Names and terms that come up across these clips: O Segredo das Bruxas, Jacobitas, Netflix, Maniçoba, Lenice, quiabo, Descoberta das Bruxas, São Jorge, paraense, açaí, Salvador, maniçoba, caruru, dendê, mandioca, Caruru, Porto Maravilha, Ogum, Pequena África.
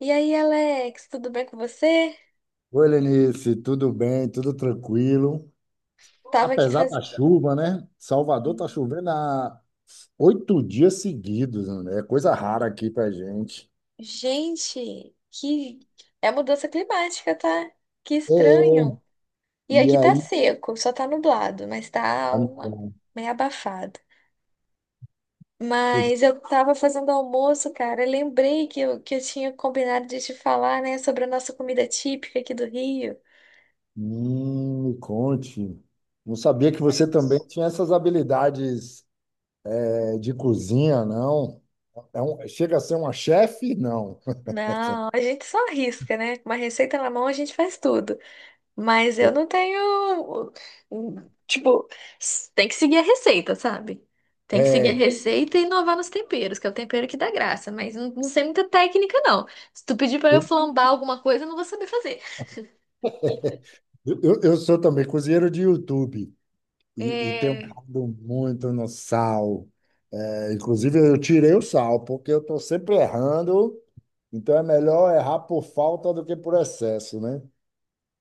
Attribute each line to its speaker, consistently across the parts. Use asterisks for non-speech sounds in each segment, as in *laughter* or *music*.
Speaker 1: E aí, Alex, tudo bem com você?
Speaker 2: Oi, Lenice, tudo bem? Tudo tranquilo?
Speaker 1: Tava aqui
Speaker 2: Apesar da
Speaker 1: fazendo.
Speaker 2: chuva, né? Salvador tá chovendo há 8 dias seguidos, né? É coisa rara aqui pra gente.
Speaker 1: Gente, que. É mudança climática, tá? Que
Speaker 2: É,
Speaker 1: estranho. E
Speaker 2: e
Speaker 1: aqui tá
Speaker 2: aí?
Speaker 1: seco, só tá nublado, mas tá
Speaker 2: Ah, não, não.
Speaker 1: meio abafado.
Speaker 2: Pois,
Speaker 1: Mas eu tava fazendo almoço, cara. Eu Lembrei que eu tinha combinado de te falar, né, sobre a nossa comida típica aqui do Rio.
Speaker 2: me conte. Não sabia que você também tinha essas habilidades, de cozinha, não? Chega a ser uma chefe? Não.
Speaker 1: Não, a gente só arrisca, né? Com uma receita na mão, a gente faz tudo. Mas eu não tenho. hum, Tipo, tem que seguir a receita, sabe? Tem que seguir a
Speaker 2: É,
Speaker 1: receita e inovar nos temperos, que é o tempero que dá graça. Mas não, não sei muita técnica, não. Se tu pedir pra eu
Speaker 2: eu,
Speaker 1: flambar alguma coisa, eu não vou saber fazer.
Speaker 2: eu sou também cozinheiro de YouTube. E tem um
Speaker 1: É.
Speaker 2: caldo muito no sal. É, inclusive, eu tirei o sal, porque eu estou sempre errando. Então, é melhor errar por falta do que por excesso, né?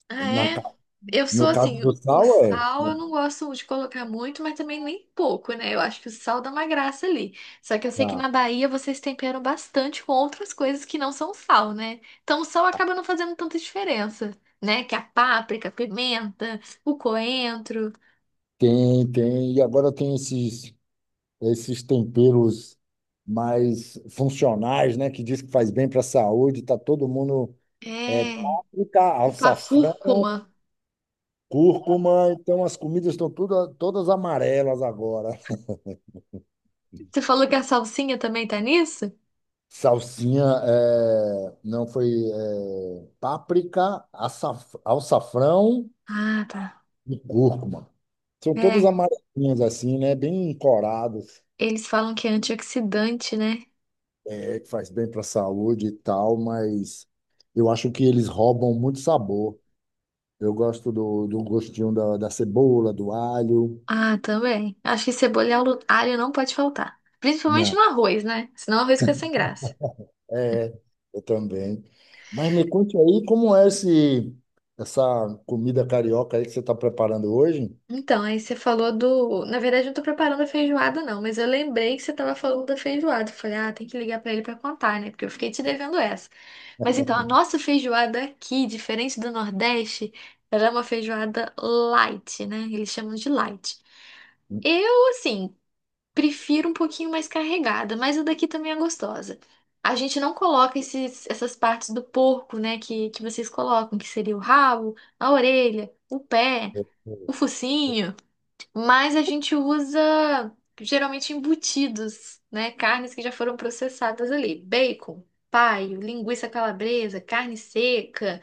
Speaker 1: Ah,
Speaker 2: Na
Speaker 1: é?
Speaker 2: ca-
Speaker 1: Eu
Speaker 2: no
Speaker 1: sou
Speaker 2: caso
Speaker 1: assim,
Speaker 2: do
Speaker 1: o
Speaker 2: sal, é.
Speaker 1: sal eu não gosto de colocar muito, mas também nem pouco, né? Eu acho que o sal dá uma graça ali. Só que eu sei que
Speaker 2: Tá.
Speaker 1: na Bahia vocês temperam bastante com outras coisas que não são sal, né? Então o sal acaba não fazendo tanta diferença, né? Que a páprica, a pimenta, o coentro,
Speaker 2: Tem, tem. E agora tem esses temperos mais funcionais, né? Que diz que faz bem para a saúde. Tá todo mundo... É,
Speaker 1: é,
Speaker 2: páprica,
Speaker 1: tipo a
Speaker 2: alçafrão,
Speaker 1: cúrcuma.
Speaker 2: cúrcuma. Então, as comidas estão todas amarelas agora.
Speaker 1: Você falou que a salsinha também tá nisso?
Speaker 2: Salsinha, não foi páprica, alçafrão
Speaker 1: Ah, tá.
Speaker 2: e cúrcuma. São todas
Speaker 1: É,
Speaker 2: amarelinhas assim, né? Bem coradas,
Speaker 1: eles falam que é antioxidante, né?
Speaker 2: que faz bem para a saúde e tal, mas eu acho que eles roubam muito sabor. Eu gosto do gostinho da cebola, do alho.
Speaker 1: Ah, também. Acho que cebola e alho não pode faltar. Principalmente
Speaker 2: Não,
Speaker 1: no arroz, né? Senão o arroz fica sem graça.
Speaker 2: é, eu também. Mas me conte aí como é essa comida carioca aí que você está preparando hoje?
Speaker 1: Então, aí você falou do. Na verdade, eu não tô preparando a feijoada, não, mas eu lembrei que você tava falando da feijoada. Eu Falei, ah, tem que ligar pra ele pra contar, né? Porque eu fiquei te devendo essa. Mas então, a nossa feijoada aqui, diferente do Nordeste, ela é uma feijoada light, né? Eles chamam de light. Eu, assim, prefiro um pouquinho mais carregada, mas a daqui também é gostosa. A gente não coloca essas partes do porco, né, que vocês colocam, que seria o rabo, a orelha, o pé,
Speaker 2: É,
Speaker 1: o focinho, mas a gente usa geralmente embutidos, né, carnes que já foram processadas ali, bacon, paio, linguiça calabresa, carne seca,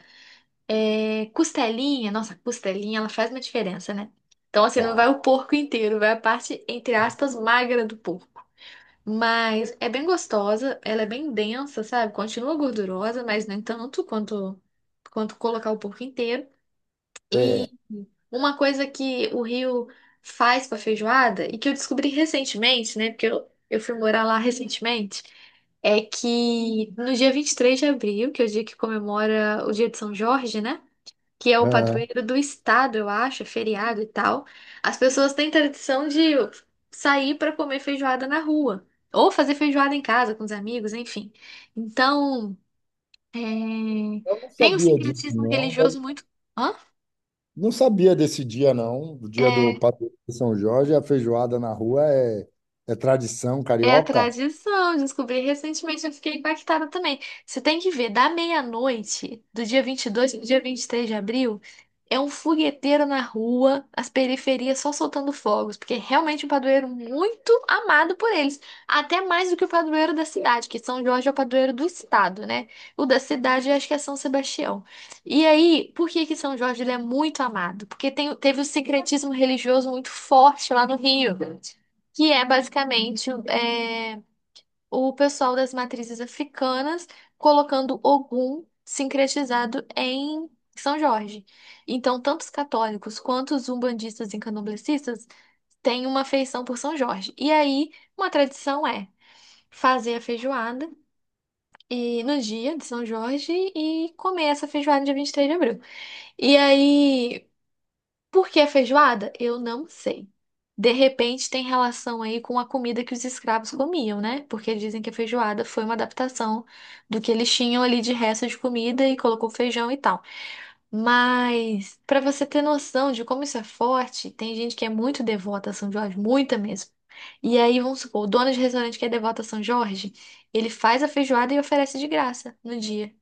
Speaker 1: é, costelinha. Nossa, a costelinha, ela faz uma diferença, né? Então, assim, não vai
Speaker 2: pá,
Speaker 1: o porco inteiro, vai a parte, entre aspas, magra do porco. Mas é bem gostosa, ela é bem densa, sabe? Continua gordurosa, mas nem tanto quanto colocar o porco inteiro. E
Speaker 2: é,
Speaker 1: uma coisa que o Rio faz pra feijoada, e que eu descobri recentemente, né? Porque eu fui morar lá recentemente, é que no dia 23 de abril, que é o dia que comemora o dia de São Jorge, né? Que é o
Speaker 2: É,
Speaker 1: padroeiro do estado, eu acho, é feriado e tal. As pessoas têm tradição de sair para comer feijoada na rua, ou fazer feijoada em casa com os amigos, enfim. Então, é,
Speaker 2: eu não
Speaker 1: tem um
Speaker 2: sabia disso,
Speaker 1: sincretismo
Speaker 2: não.
Speaker 1: religioso muito. Hã?
Speaker 2: Não sabia desse dia, não. O dia do
Speaker 1: É.
Speaker 2: padroeiro de São Jorge, a feijoada na rua é tradição
Speaker 1: É a
Speaker 2: carioca?
Speaker 1: tradição, descobri recentemente, eu fiquei impactada também. Você tem que ver, da meia-noite, do dia 22 pro dia 23 de abril, é um fogueteiro na rua, as periferias só soltando fogos, porque é realmente um padroeiro muito amado por eles, até mais do que o padroeiro da cidade, que São Jorge é o padroeiro do estado, né? O da cidade eu acho que é São Sebastião. E aí, por que que São Jorge ele é muito amado? Porque teve o secretismo religioso muito forte lá no Rio, que é basicamente o pessoal das matrizes africanas colocando Ogum sincretizado em São Jorge. Então, tanto os católicos quanto os umbandistas e candomblecistas têm uma afeição por São Jorge. E aí, uma tradição é fazer a feijoada e no dia de São Jorge e comer essa feijoada dia 23 de abril. E aí, por que feijoada? Eu não sei. De repente tem relação aí com a comida que os escravos comiam, né? Porque dizem que a feijoada foi uma adaptação do que eles tinham ali de resto de comida e colocou feijão e tal. Mas para você ter noção de como isso é forte, tem gente que é muito devota a São Jorge, muita mesmo. E aí, vamos supor, o dono de restaurante que é devoto a São Jorge, ele faz a feijoada e oferece de graça no dia.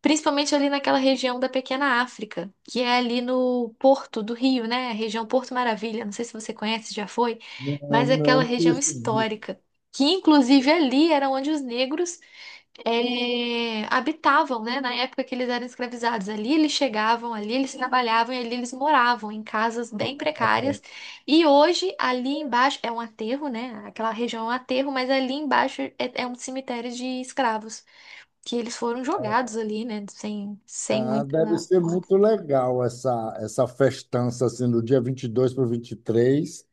Speaker 1: Principalmente ali naquela região da Pequena África, que é ali no Porto do Rio, né? A região Porto Maravilha, não sei se você conhece, já foi,
Speaker 2: Não, não,
Speaker 1: mas é aquela
Speaker 2: não
Speaker 1: região
Speaker 2: percebi.
Speaker 1: histórica, que inclusive ali era onde os negros eh, habitavam, né? Na época que eles eram escravizados. Ali eles chegavam, ali eles trabalhavam e ali eles moravam em casas bem precárias. E hoje, ali embaixo, é um aterro, né? Aquela região é um aterro, mas ali embaixo é um cemitério de escravos que eles foram jogados ali, né? Sem
Speaker 2: Ah,
Speaker 1: muita.
Speaker 2: deve ser muito legal essa festança, assim, do dia 22 para o 23.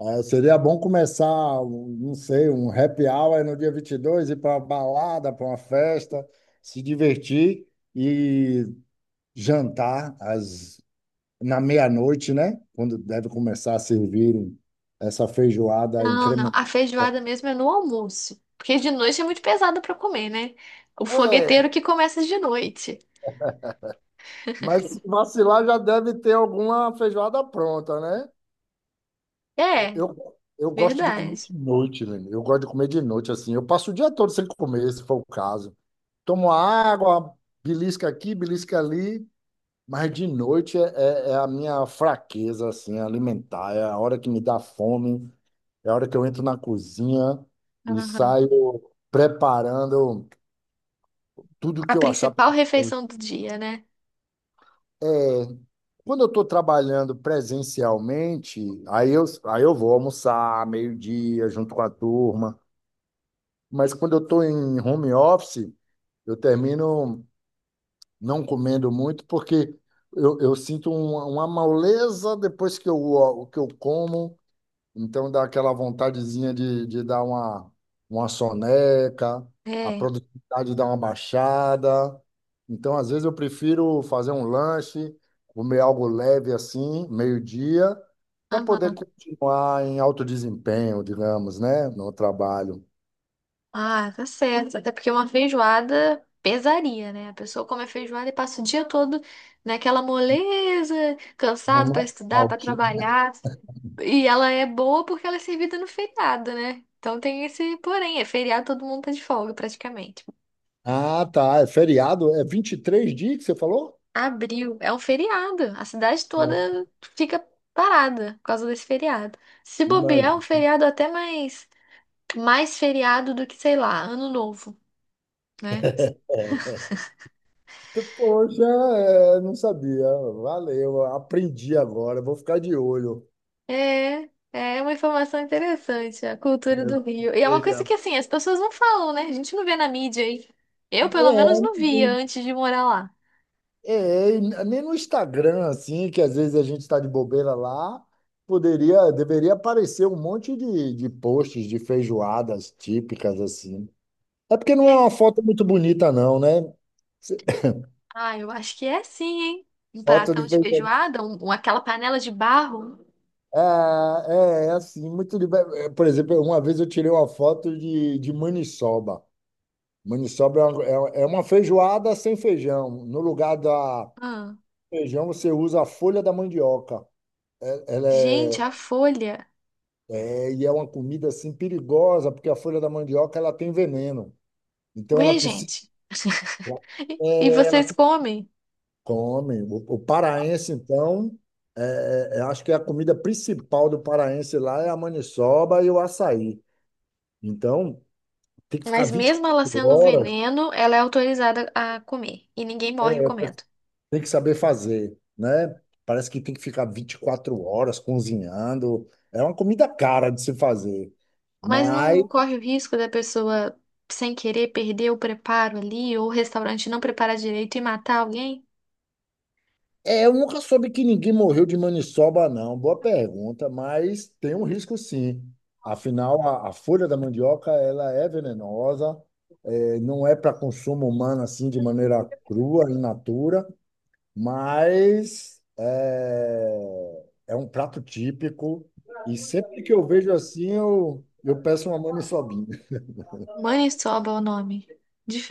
Speaker 2: Ah, seria bom começar, não sei, um happy hour no dia 22 ir para uma balada, para uma festa, se divertir e jantar às na meia-noite, né? Quando deve começar a servir essa feijoada
Speaker 1: Não, não.
Speaker 2: incrementada.
Speaker 1: A feijoada mesmo é no almoço. Porque de noite é muito pesado pra comer, né? O
Speaker 2: É,
Speaker 1: fogueteiro que começa de noite.
Speaker 2: mas se vacilar já deve ter alguma feijoada pronta, né?
Speaker 1: É,
Speaker 2: Eu, eu gosto de comer
Speaker 1: verdade.
Speaker 2: de noite, velho. Eu gosto de comer de noite, assim. Eu passo o dia todo sem comer, se for o caso. Tomo água, belisca aqui, belisca ali. Mas de noite é a minha fraqueza, assim, alimentar. É a hora que me dá fome. É a hora que eu entro na cozinha e
Speaker 1: Aham.
Speaker 2: saio preparando tudo
Speaker 1: A
Speaker 2: que eu achar
Speaker 1: principal
Speaker 2: pela frente.
Speaker 1: refeição do dia, né?
Speaker 2: É, quando eu estou trabalhando presencialmente, aí eu vou almoçar meio-dia junto com a turma. Mas quando eu estou em home office, eu termino não comendo muito porque eu sinto uma moleza depois que eu como. Então dá aquela vontadezinha de dar uma soneca, a
Speaker 1: É.
Speaker 2: produtividade dá uma baixada. Então, às vezes, eu prefiro fazer um lanche, comer algo leve assim, meio-dia, para poder
Speaker 1: Aham.
Speaker 2: continuar em alto desempenho, digamos, né? No trabalho.
Speaker 1: Ah, tá certo. Até porque uma feijoada pesaria, né? A pessoa come a feijoada e passa o dia todo naquela moleza,
Speaker 2: Não
Speaker 1: cansado pra
Speaker 2: na
Speaker 1: estudar, pra trabalhar. E ela é boa porque ela é servida no feriado, né? Então tem esse porém, é feriado, todo mundo tá de folga praticamente.
Speaker 2: Ah, tá. É feriado? É 23 dias que você falou?
Speaker 1: Abril é um feriado, a cidade
Speaker 2: É,
Speaker 1: toda fica parada por causa desse feriado. Se bobear, é um
Speaker 2: imagina.
Speaker 1: feriado até mais feriado do que, sei lá, Ano Novo, né?
Speaker 2: Poxa, é, não sabia. Valeu, aprendi agora. Vou ficar de olho.
Speaker 1: É, é uma informação interessante, a cultura
Speaker 2: Já
Speaker 1: do Rio. E é uma coisa
Speaker 2: veja.
Speaker 1: que assim, as pessoas não falam, né? A gente não vê na mídia aí. Eu, pelo menos,
Speaker 2: É,
Speaker 1: não via antes de morar lá.
Speaker 2: é, e nem no Instagram, assim, que às vezes a gente está de bobeira lá, poderia, deveria aparecer um monte de posts de feijoadas típicas, assim. É porque não é uma foto muito bonita, não, né?
Speaker 1: Ah, eu acho que é sim, hein? Um
Speaker 2: Foto
Speaker 1: pratão
Speaker 2: de
Speaker 1: de
Speaker 2: feijoada.
Speaker 1: feijoada, aquela panela de barro.
Speaker 2: É, é assim, muito de. Por exemplo, uma vez eu tirei uma foto de maniçoba. Maniçoba é uma feijoada sem feijão. No lugar da
Speaker 1: Ah,
Speaker 2: feijão, você usa a folha da mandioca. Ela
Speaker 1: gente, a folha.
Speaker 2: e é uma comida assim perigosa, porque a folha da mandioca ela tem veneno. Então ela
Speaker 1: Ué,
Speaker 2: precisa.
Speaker 1: gente. *laughs* E
Speaker 2: é, ela
Speaker 1: vocês
Speaker 2: tem-
Speaker 1: comem?
Speaker 2: Come. O paraense então, eu acho que a comida principal do paraense lá é a maniçoba e o açaí. Então tem que ficar
Speaker 1: Mas mesmo ela
Speaker 2: 24
Speaker 1: sendo um
Speaker 2: horas,
Speaker 1: veneno, ela é autorizada a comer. E ninguém morre
Speaker 2: é, eu-
Speaker 1: comendo.
Speaker 2: tem que saber fazer, né? Parece que tem que ficar 24 horas cozinhando. É uma comida cara de se fazer,
Speaker 1: Mas
Speaker 2: mas
Speaker 1: não corre o risco da pessoa, sem querer, perder o preparo ali, ou o restaurante não preparar direito e matar alguém?
Speaker 2: é, eu nunca soube que ninguém morreu de maniçoba, não. Boa pergunta, mas tem um risco sim. Afinal, a folha da mandioca ela é venenosa, não é para consumo humano assim de maneira crua, in natura, mas é um prato típico. E sempre que eu vejo assim, eu peço uma maniçobinha. *laughs*
Speaker 1: Maniçoba é o nome.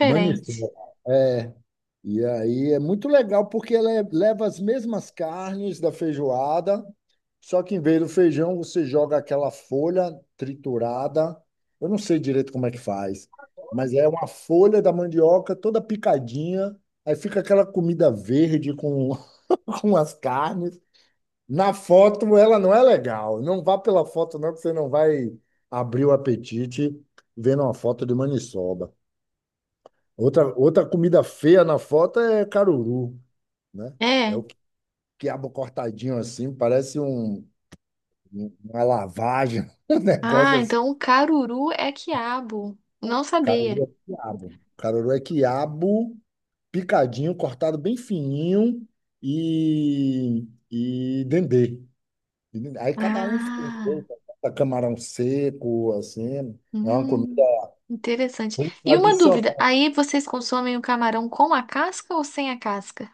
Speaker 2: Maniçoba. É. E aí é muito legal porque leva as mesmas carnes da feijoada, só que em vez do feijão você joga aquela folha triturada. Eu não sei direito como é que faz, mas é uma folha da mandioca toda picadinha. Aí fica aquela comida verde com, *laughs* com as carnes. Na foto ela não é legal. Não vá pela foto não, que você não vai abrir o apetite vendo uma foto de maniçoba. Outra comida feia na foto é caruru, né? É
Speaker 1: É.
Speaker 2: o quiabo cortadinho assim, parece uma lavagem, *laughs* um negócio
Speaker 1: Ah,
Speaker 2: assim.
Speaker 1: então o caruru é quiabo. Não sabia.
Speaker 2: Caruru é quiabo. Caruru é quiabo picadinho, cortado bem fininho e dendê. Aí cada um faz um
Speaker 1: Ah,
Speaker 2: jeito, bota camarão seco, assim. É uma comida
Speaker 1: hum, interessante.
Speaker 2: bem
Speaker 1: E uma dúvida,
Speaker 2: tradicional.
Speaker 1: aí vocês consomem o camarão com a casca ou sem a casca?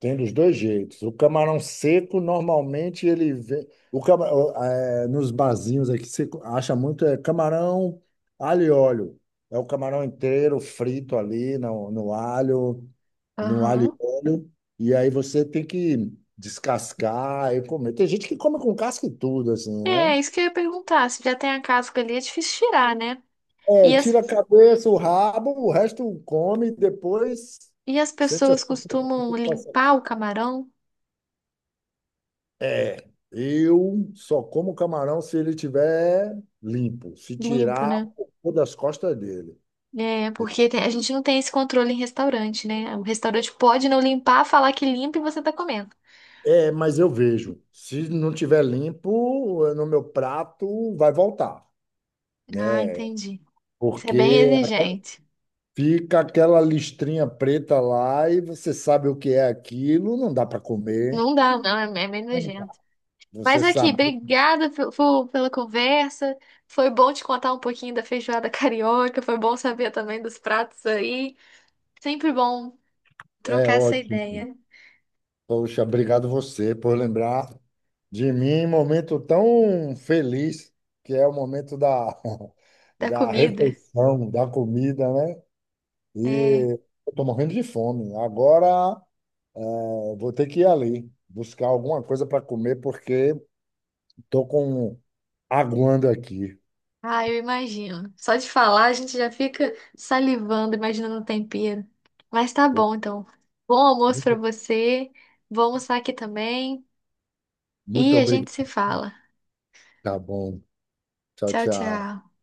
Speaker 2: Tem dos dois jeitos. O camarão seco, normalmente, ele vem. O cama- o- é, Nos barzinhos aqui, você acha muito é camarão, alho e óleo. É o camarão inteiro frito ali no alho, no alho e
Speaker 1: Aham.
Speaker 2: óleo. E aí você tem que descascar e comer. Tem gente que come com casca e tudo, assim, né?
Speaker 1: É, isso que eu ia perguntar. Se já tem a casca ali, é difícil tirar, né?
Speaker 2: É,
Speaker 1: E as,
Speaker 2: tira a cabeça, o rabo, o resto come e depois
Speaker 1: e as
Speaker 2: sente
Speaker 1: pessoas
Speaker 2: as
Speaker 1: costumam
Speaker 2: consequências.
Speaker 1: limpar o camarão
Speaker 2: Eu só como camarão se ele tiver limpo, se
Speaker 1: limpo,
Speaker 2: tirar
Speaker 1: né?
Speaker 2: o cocô das costas dele.
Speaker 1: É, porque a gente não tem esse controle em restaurante, né? O restaurante pode não limpar, falar que limpa e você tá comendo.
Speaker 2: É, mas eu vejo. Se não tiver limpo, no meu prato vai voltar,
Speaker 1: Ah,
Speaker 2: né?
Speaker 1: entendi. Isso é bem
Speaker 2: Porque
Speaker 1: exigente.
Speaker 2: fica aquela listrinha preta lá e você sabe o que é aquilo, não dá para comer.
Speaker 1: Não dá, não, é, é meio nojento.
Speaker 2: Você
Speaker 1: Mas aqui,
Speaker 2: sabe,
Speaker 1: obrigada pela conversa. Foi bom te contar um pouquinho da feijoada *laughs* carioca, foi bom saber também dos pratos aí. Sempre bom
Speaker 2: é
Speaker 1: trocar essa
Speaker 2: ótimo.
Speaker 1: ideia
Speaker 2: Poxa, obrigado você por lembrar de mim em um momento tão feliz, que é o momento da, *laughs*
Speaker 1: da
Speaker 2: da
Speaker 1: comida.
Speaker 2: refeição, da comida, né?
Speaker 1: É.
Speaker 2: E eu tô morrendo de fome. Agora, vou ter que ir ali buscar alguma coisa para comer, porque tô com aguando aqui.
Speaker 1: Ah, eu imagino. Só de falar a gente já fica salivando, imaginando o tempero. Mas tá bom, então. Bom almoço pra
Speaker 2: Muito
Speaker 1: você. Vou almoçar aqui também
Speaker 2: muito
Speaker 1: e a gente se
Speaker 2: obrigado.
Speaker 1: fala.
Speaker 2: Tá bom. Tchau,
Speaker 1: Tchau,
Speaker 2: tchau.
Speaker 1: tchau.